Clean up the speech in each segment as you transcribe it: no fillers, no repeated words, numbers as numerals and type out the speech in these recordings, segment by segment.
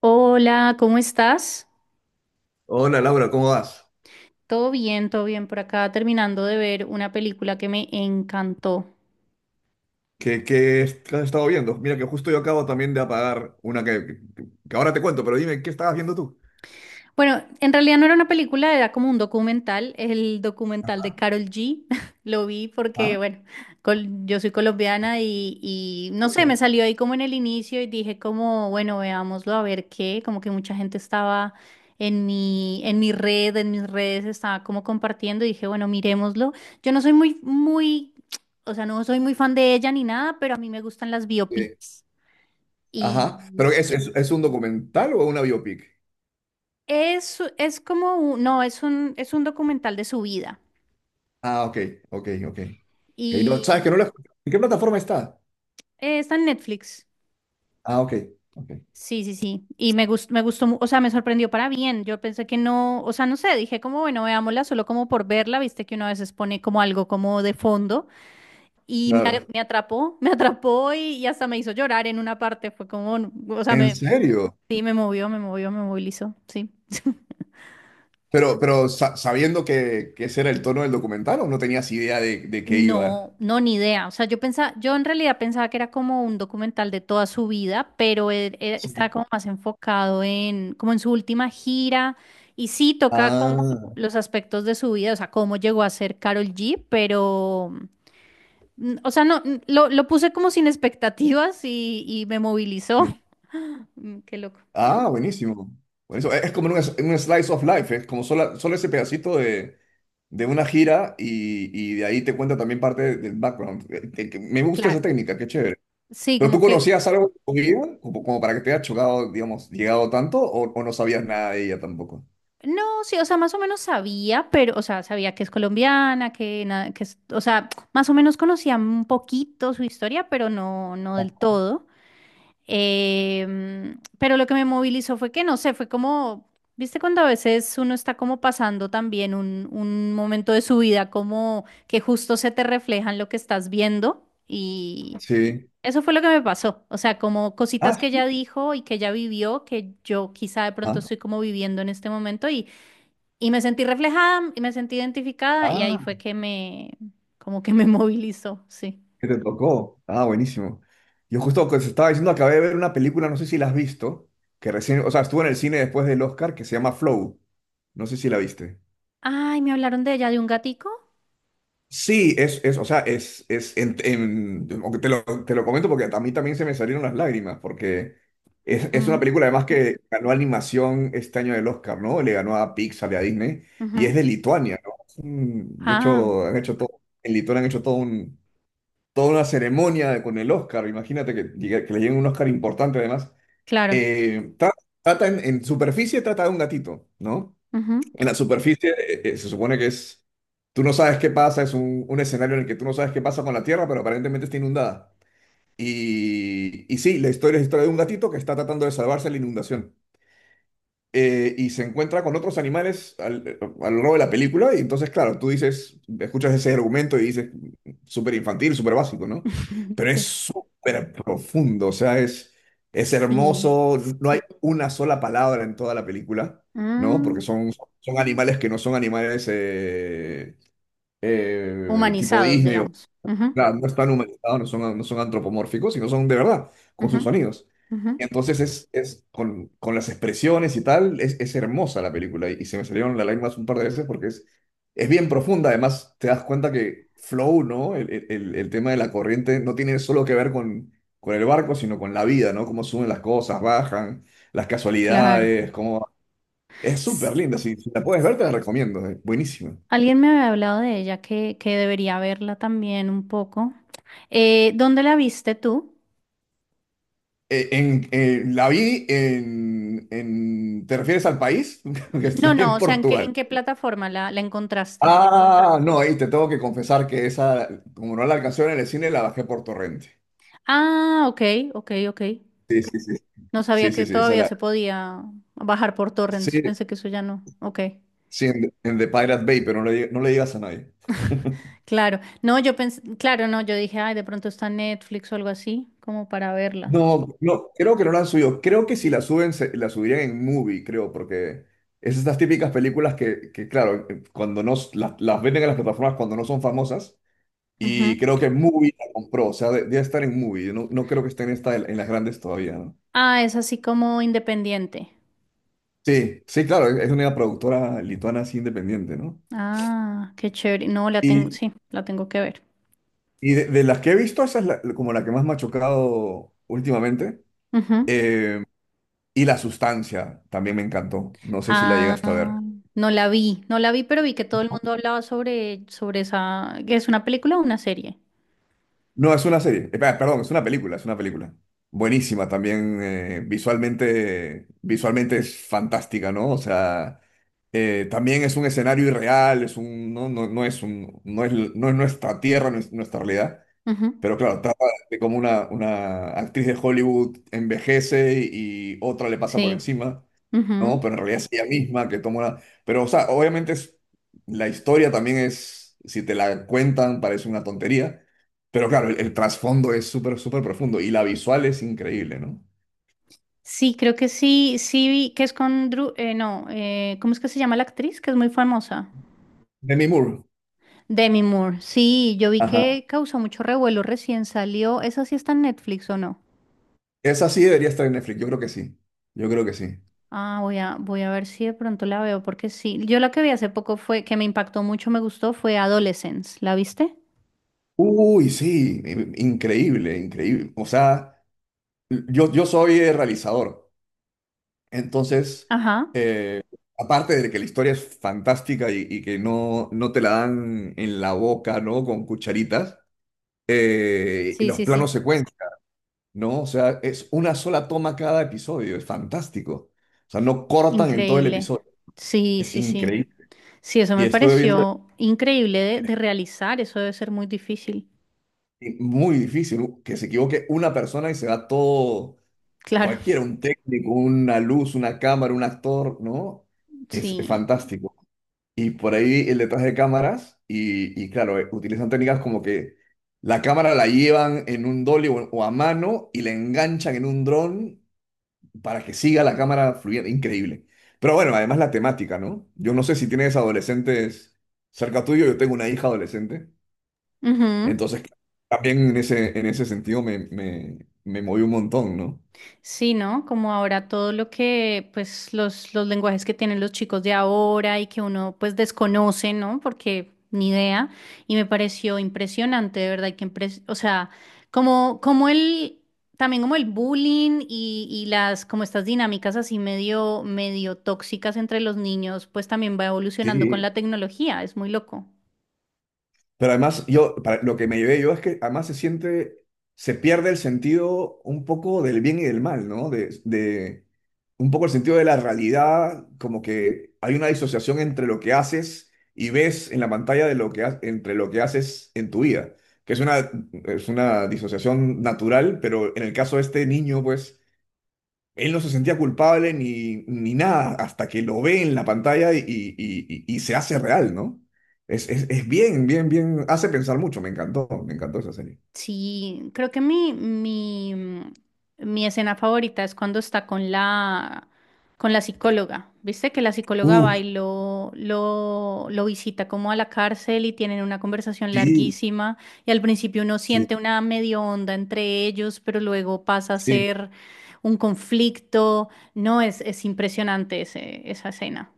Hola, ¿cómo estás? Hola Laura, ¿cómo vas? Todo bien por acá, terminando de ver una película que me encantó. ¿Qué has estado viendo? Mira que justo yo acabo también de apagar una que ahora te cuento, pero dime, ¿qué estabas viendo tú? Bueno, en realidad no era una película, era como un documental, el documental de Carol G. Lo vi porque, ¿Ah? bueno, yo soy colombiana y no No sé, sé. me salió ahí como en el inicio y dije como, bueno, veámoslo a ver qué, como que mucha gente estaba en mi red, en mis redes estaba como compartiendo y dije, bueno, miremoslo. Yo no soy o sea, no soy muy fan de ella ni nada, pero a mí me gustan las Sí. biopics. Y Ajá, pero ¿es un documental o una biopic? es como un, no, es un documental de su vida Ah, ok, ok, ok. Ok, no, ¿sabes y que no la he escuchado? ¿En qué plataforma está? Está en Netflix. Ah, ok, ok. Sí, sí, sí. Y me gustó, me gustó, o sea, me sorprendió para bien. Yo pensé que no, o sea, no sé, dije como, bueno, veámosla solo como por verla, viste que uno a veces pone como algo como de fondo y Claro. Me atrapó, me atrapó y hasta me hizo llorar en una parte. Fue como, o sea, ¿En me, serio? sí, me movió, me movió, me movilizó, sí. Pero sabiendo que ese era el tono del documental o no tenías idea de qué iba. No, no, ni idea. O sea, yo pensaba, yo en realidad pensaba que era como un documental de toda su vida, pero él Sí. está como más enfocado en, como en su última gira, y sí toca como Ah, los aspectos de su vida, o sea, cómo llegó a ser Carol G, pero, o sea, no, lo puse como sin expectativas y me movilizó. sí. Mm, qué loco. Ah, buenísimo. Buenísimo. Es como un, es- un slice of life, es como solo ese pedacito de una gira y de ahí te cuenta también parte del background. Que Me gusta esa Claro. técnica, qué chévere. Sí, ¿Pero tú como que conocías algo de tu vida? Como, como para que te haya chocado, digamos, llegado tanto o no sabías nada de ella tampoco? no, sí, o sea, más o menos sabía, pero, o sea, sabía que es colombiana, que, na- que es- o sea, más o menos conocía un poquito su historia, pero no, no del todo. Pero lo que me movilizó fue que, no sé, fue como, viste cuando a veces uno está como pasando también un momento de su vida, como que justo se te refleja en lo que estás viendo y Sí. eso fue lo que me pasó, o sea, como cositas Ah, que ella sí. dijo y que ella vivió, que yo quizá de pronto Ah, estoy como viviendo en este momento y... Y me sentí reflejada y me sentí identificada y ah, ahí fue que me, como que me movilizó, sí. que te tocó. Ah, buenísimo. Yo justo que se estaba diciendo, acabé de ver una película, no sé si la has visto, que recién, o sea, estuvo en el cine después del Oscar, que se llama Flow. No sé si la viste. Ay, me hablaron de ella, de un gatico. Sí, o sea, es, aunque te lo comento porque a mí también se me salieron las lágrimas, porque es una Ujú, película además que ganó animación este año del Oscar, ¿no? Le ganó a Pixar y a Disney, y es ujú. de Lituania, ¿no? Es un- De Ah, hecho, han hecho todo, en Lituania han hecho todo un, toda una ceremonia con el Oscar, imagínate que, llegue- que le llegue un Oscar importante además. claro. Tra- trata en superficie, trata de un gatito, ¿no? Ujú. En la superficie se supone que es, tú no sabes qué pasa, es un escenario en el que tú no sabes qué pasa con la Tierra, pero aparentemente está inundada. Y sí, la historia es la historia de un gatito que está tratando de salvarse de la inundación y se encuentra con otros animales al, a lo largo de la película. Y entonces, claro, tú dices, escuchas ese argumento y dices, súper infantil, súper básico, ¿no? Pero es Sí. súper profundo, o sea, es Sí. hermoso. No hay una sola palabra en toda la película, ¿no? Porque Mm, son, son animales que no son animales tipo humanizados, Disney o... digamos. Ujú, Claro, no están humanizados, no son, no son antropomórficos, sino son de verdad, con ujú, sus sonidos. ujú. Entonces es con las expresiones y tal, es hermosa la película y se me salieron las lágrimas un par de veces porque es bien profunda. Además, te das cuenta que flow, ¿no? El tema de la corriente no tiene solo que ver con el barco, sino con la vida, ¿no? Cómo suben las cosas, bajan, las Claro. casualidades, cómo... Es S- súper linda, si, si la puedes ver te la recomiendo, es buenísima. Alguien me había hablado de ella que debería verla también un poco. ¿Dónde la viste tú? La vi en- ¿Te refieres al país? Porque la No, vi no, en o sea, ¿en qué, Portugal. en qué plataforma la encontraste? Ah, no, ahí te tengo que confesar que esa, como no la alcancé a ver en el cine, la bajé por torrente. Ah, ok, ok, ok. Sí, sí, sí. No sabía Sí, sí, que sí, esa todavía la... se podía bajar por torrents. Sí, Pensé que eso ya no. Ok, sí, en The Pirate Bay, pero no le, diga- no le digas a nadie. claro. No, yo pensé, claro, no, yo dije, ay, de pronto está en Netflix o algo así, como para verla. No, no, creo que no la han subido. Creo que si la suben, se- la subirían en Movie, creo, porque es estas típicas películas que, claro, cuando no s- las venden en las plataformas cuando no son famosas. Ujú. Y creo que Movie la compró, o sea, de- debe estar en Movie. Yo no, no creo que esté en, esta, en las grandes todavía, ¿no? Ah, es así como independiente. Sí, sí, claro, es una productora lituana así independiente, ¿no? Ah, qué chévere. No, la tengo, Y, sí, la tengo que ver. y de las que he visto, esa es la- como la que más me ha chocado últimamente. Ujú. Eh, y La Sustancia también me encantó. No sé si la Ah, llegaste a ver. no la vi, no la vi, pero vi que todo el mundo hablaba sobre, sobre esa, que es una película o una serie. No, es una serie. Pe- Perdón, es una película, es una película. Buenísima también. Visualmente, visualmente es fantástica, ¿no? O sea, también es un escenario irreal, es un, no, no, no es un, no es, no es nuestra tierra, no es nuestra realidad. Ujú. Pero claro, trata de cómo una actriz de Hollywood envejece y otra le pasa por Sí. encima. No, Ujú. pero en realidad es ella misma que tomó la... Pero, o sea, obviamente es- la historia también es, si te la cuentan, parece una tontería, pero claro, el trasfondo es súper, súper profundo y la visual es increíble, ¿no? Sí, creo que sí, sí vi que es con Drew, no, ¿cómo es que se llama la actriz? Que es muy famosa. Demi Moore. Demi Moore. Sí, yo vi Ajá. que causó mucho revuelo, recién salió. ¿Esa sí está en Netflix o no? Esa sí debería estar en Netflix, yo creo que sí, yo creo que sí. Ah, voy a ver si de pronto la veo, porque sí. Yo la que vi hace poco fue, que me impactó mucho, me gustó, fue Adolescence. ¿La viste? Uy, sí, in- increíble, increíble. O sea, yo soy realizador. Entonces, Ajá. eh, aparte de que la historia es fantástica y que no, no te la dan en la boca, ¿no? Con cucharitas, Sí, los sí, planos sí. secuencia, ¿no? O sea, es una sola toma cada episodio, es fantástico. O sea, no cortan en todo el Increíble. episodio, Sí, es sí, sí. increíble. Sí, eso Y me estuve viendo, pareció increíble de realizar. Eso debe ser muy difícil. y muy difícil que se equivoque una persona y se da todo, Claro, cualquiera, un técnico, una luz, una cámara, un actor, ¿no? Es sí. fantástico. Y por ahí el detrás de cámaras, y claro, utilizan técnicas como que la cámara la llevan en un dolly o a mano y la enganchan en un dron para que siga la cámara fluyendo. Increíble. Pero bueno, además la temática, ¿no? Yo no sé si tienes adolescentes cerca tuyo, yo tengo una hija adolescente. Ujú. Entonces, también en ese sentido me moví un montón, ¿no? Sí, ¿no? Como ahora todo lo que, pues, los lenguajes que tienen los chicos de ahora y que uno, pues, desconoce, ¿no? Porque ni idea. Y me pareció impresionante, de verdad, que, o sea, como, como el, también como el bullying y las, como estas dinámicas así medio tóxicas entre los niños, pues, también va evolucionando con Sí. la tecnología. Es muy loco. Pero además, yo, para- lo que me llevé yo es que además se siente, se pierde el sentido un poco del bien y del mal, ¿no? De- un poco el sentido de la realidad, como que hay una disociación entre lo que haces y ves en la pantalla de lo que ha- entre lo que haces en tu vida, que es una disociación natural, pero en el caso de este niño, pues él no se sentía culpable ni, ni nada hasta que lo ve en la pantalla y se hace real, ¿no? Es bien, bien, bien. Hace pensar mucho. Me encantó esa serie. Sí, creo que mi escena favorita es cuando está con la psicóloga. Viste que la psicóloga Uh, va y lo visita como a la cárcel y tienen una conversación sí, larguísima y al principio uno sí, siente una medio onda entre ellos, pero luego pasa a sí. ser un conflicto. No, es impresionante esa escena.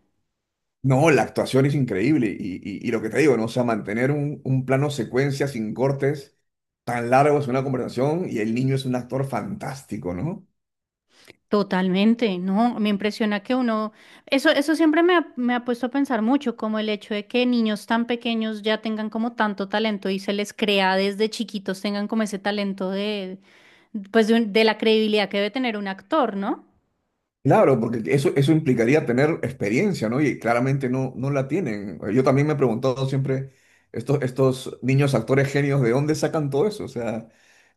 No, la actuación es increíble. Y lo que te digo, ¿no? O sea, mantener un plano secuencia sin cortes tan largo es una conversación y el niño es un actor fantástico, ¿no? Totalmente, no, me impresiona que uno, eso siempre me ha puesto a pensar mucho, como el hecho de que niños tan pequeños ya tengan como tanto talento y se les crea desde chiquitos, tengan como ese talento de, de la credibilidad que debe tener un actor, ¿no? Claro, porque eso implicaría tener experiencia, ¿no? Y claramente no, no la tienen. Yo también me he preguntado siempre, estos, estos niños actores genios, ¿de dónde sacan todo eso? O sea,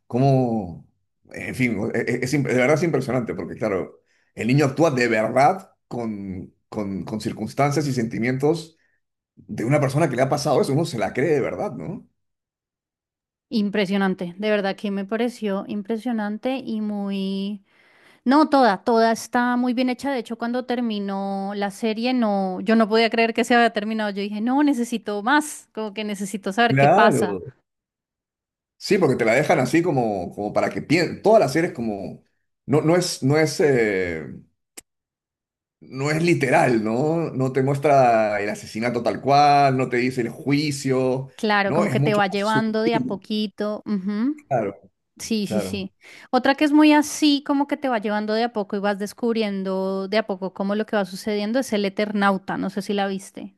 cómo... En fin, e- e- es, imp- de verdad es impresionante, porque claro, el niño actúa de verdad con circunstancias y sentimientos de una persona que le ha pasado eso. Uno se la cree de verdad, ¿no? Impresionante, de verdad que me pareció impresionante y muy, no, toda está muy bien hecha, de hecho cuando terminó la serie, no, yo no podía creer que se había terminado, yo dije, no, necesito más, como que necesito saber qué pasa. Claro. Sí, porque te la dejan así como, como para que piensen. Toda la serie es como... No, no es, no es. No es literal, ¿no? No te muestra el asesinato tal cual, no te dice el juicio, Claro, ¿no? como Es que te mucho va más llevando de a sutil. poquito. Ujú. Claro, Sí, sí, claro. sí. Otra que es muy así, como que te va llevando de a poco y vas descubriendo de a poco cómo lo que va sucediendo es el Eternauta. No sé si la viste.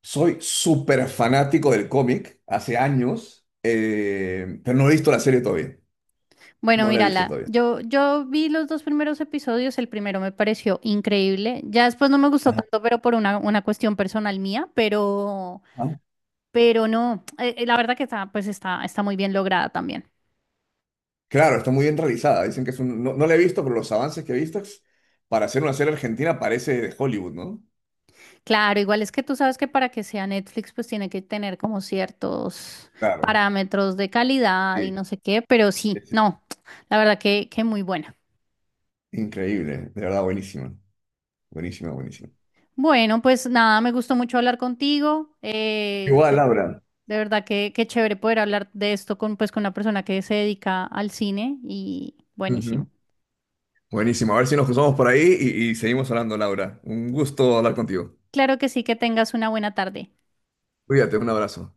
Soy súper fanático del cómic, hace años, pero no he visto la serie todavía. Bueno, No la he visto mírala. todavía. Yo vi los dos primeros episodios. El primero me pareció increíble. Ya después no me gustó Ajá. tanto, pero por una cuestión personal mía. Ajá. Pero no. La verdad que está, está muy bien lograda también. Claro, está muy bien realizada. Dicen que es un... No, no la he visto, pero los avances que he visto es- para hacer una serie argentina parece de Hollywood, ¿no? Claro, igual es que tú sabes que para que sea Netflix, pues tiene que tener como ciertos Claro, parámetros de calidad y sí. no sé qué, pero sí, Es no, la verdad que muy buena. increíble, de verdad, buenísima. Buenísima, buenísima. Bueno, pues nada, me gustó mucho hablar contigo. Igual, Laura. De verdad que chévere poder hablar de esto con, pues, con una persona que se dedica al cine y buenísimo. Ujú. Buenísimo. A ver si nos cruzamos por ahí y seguimos hablando, Laura. Un gusto hablar contigo. Claro que sí, que tengas una buena tarde. Cuídate, un abrazo.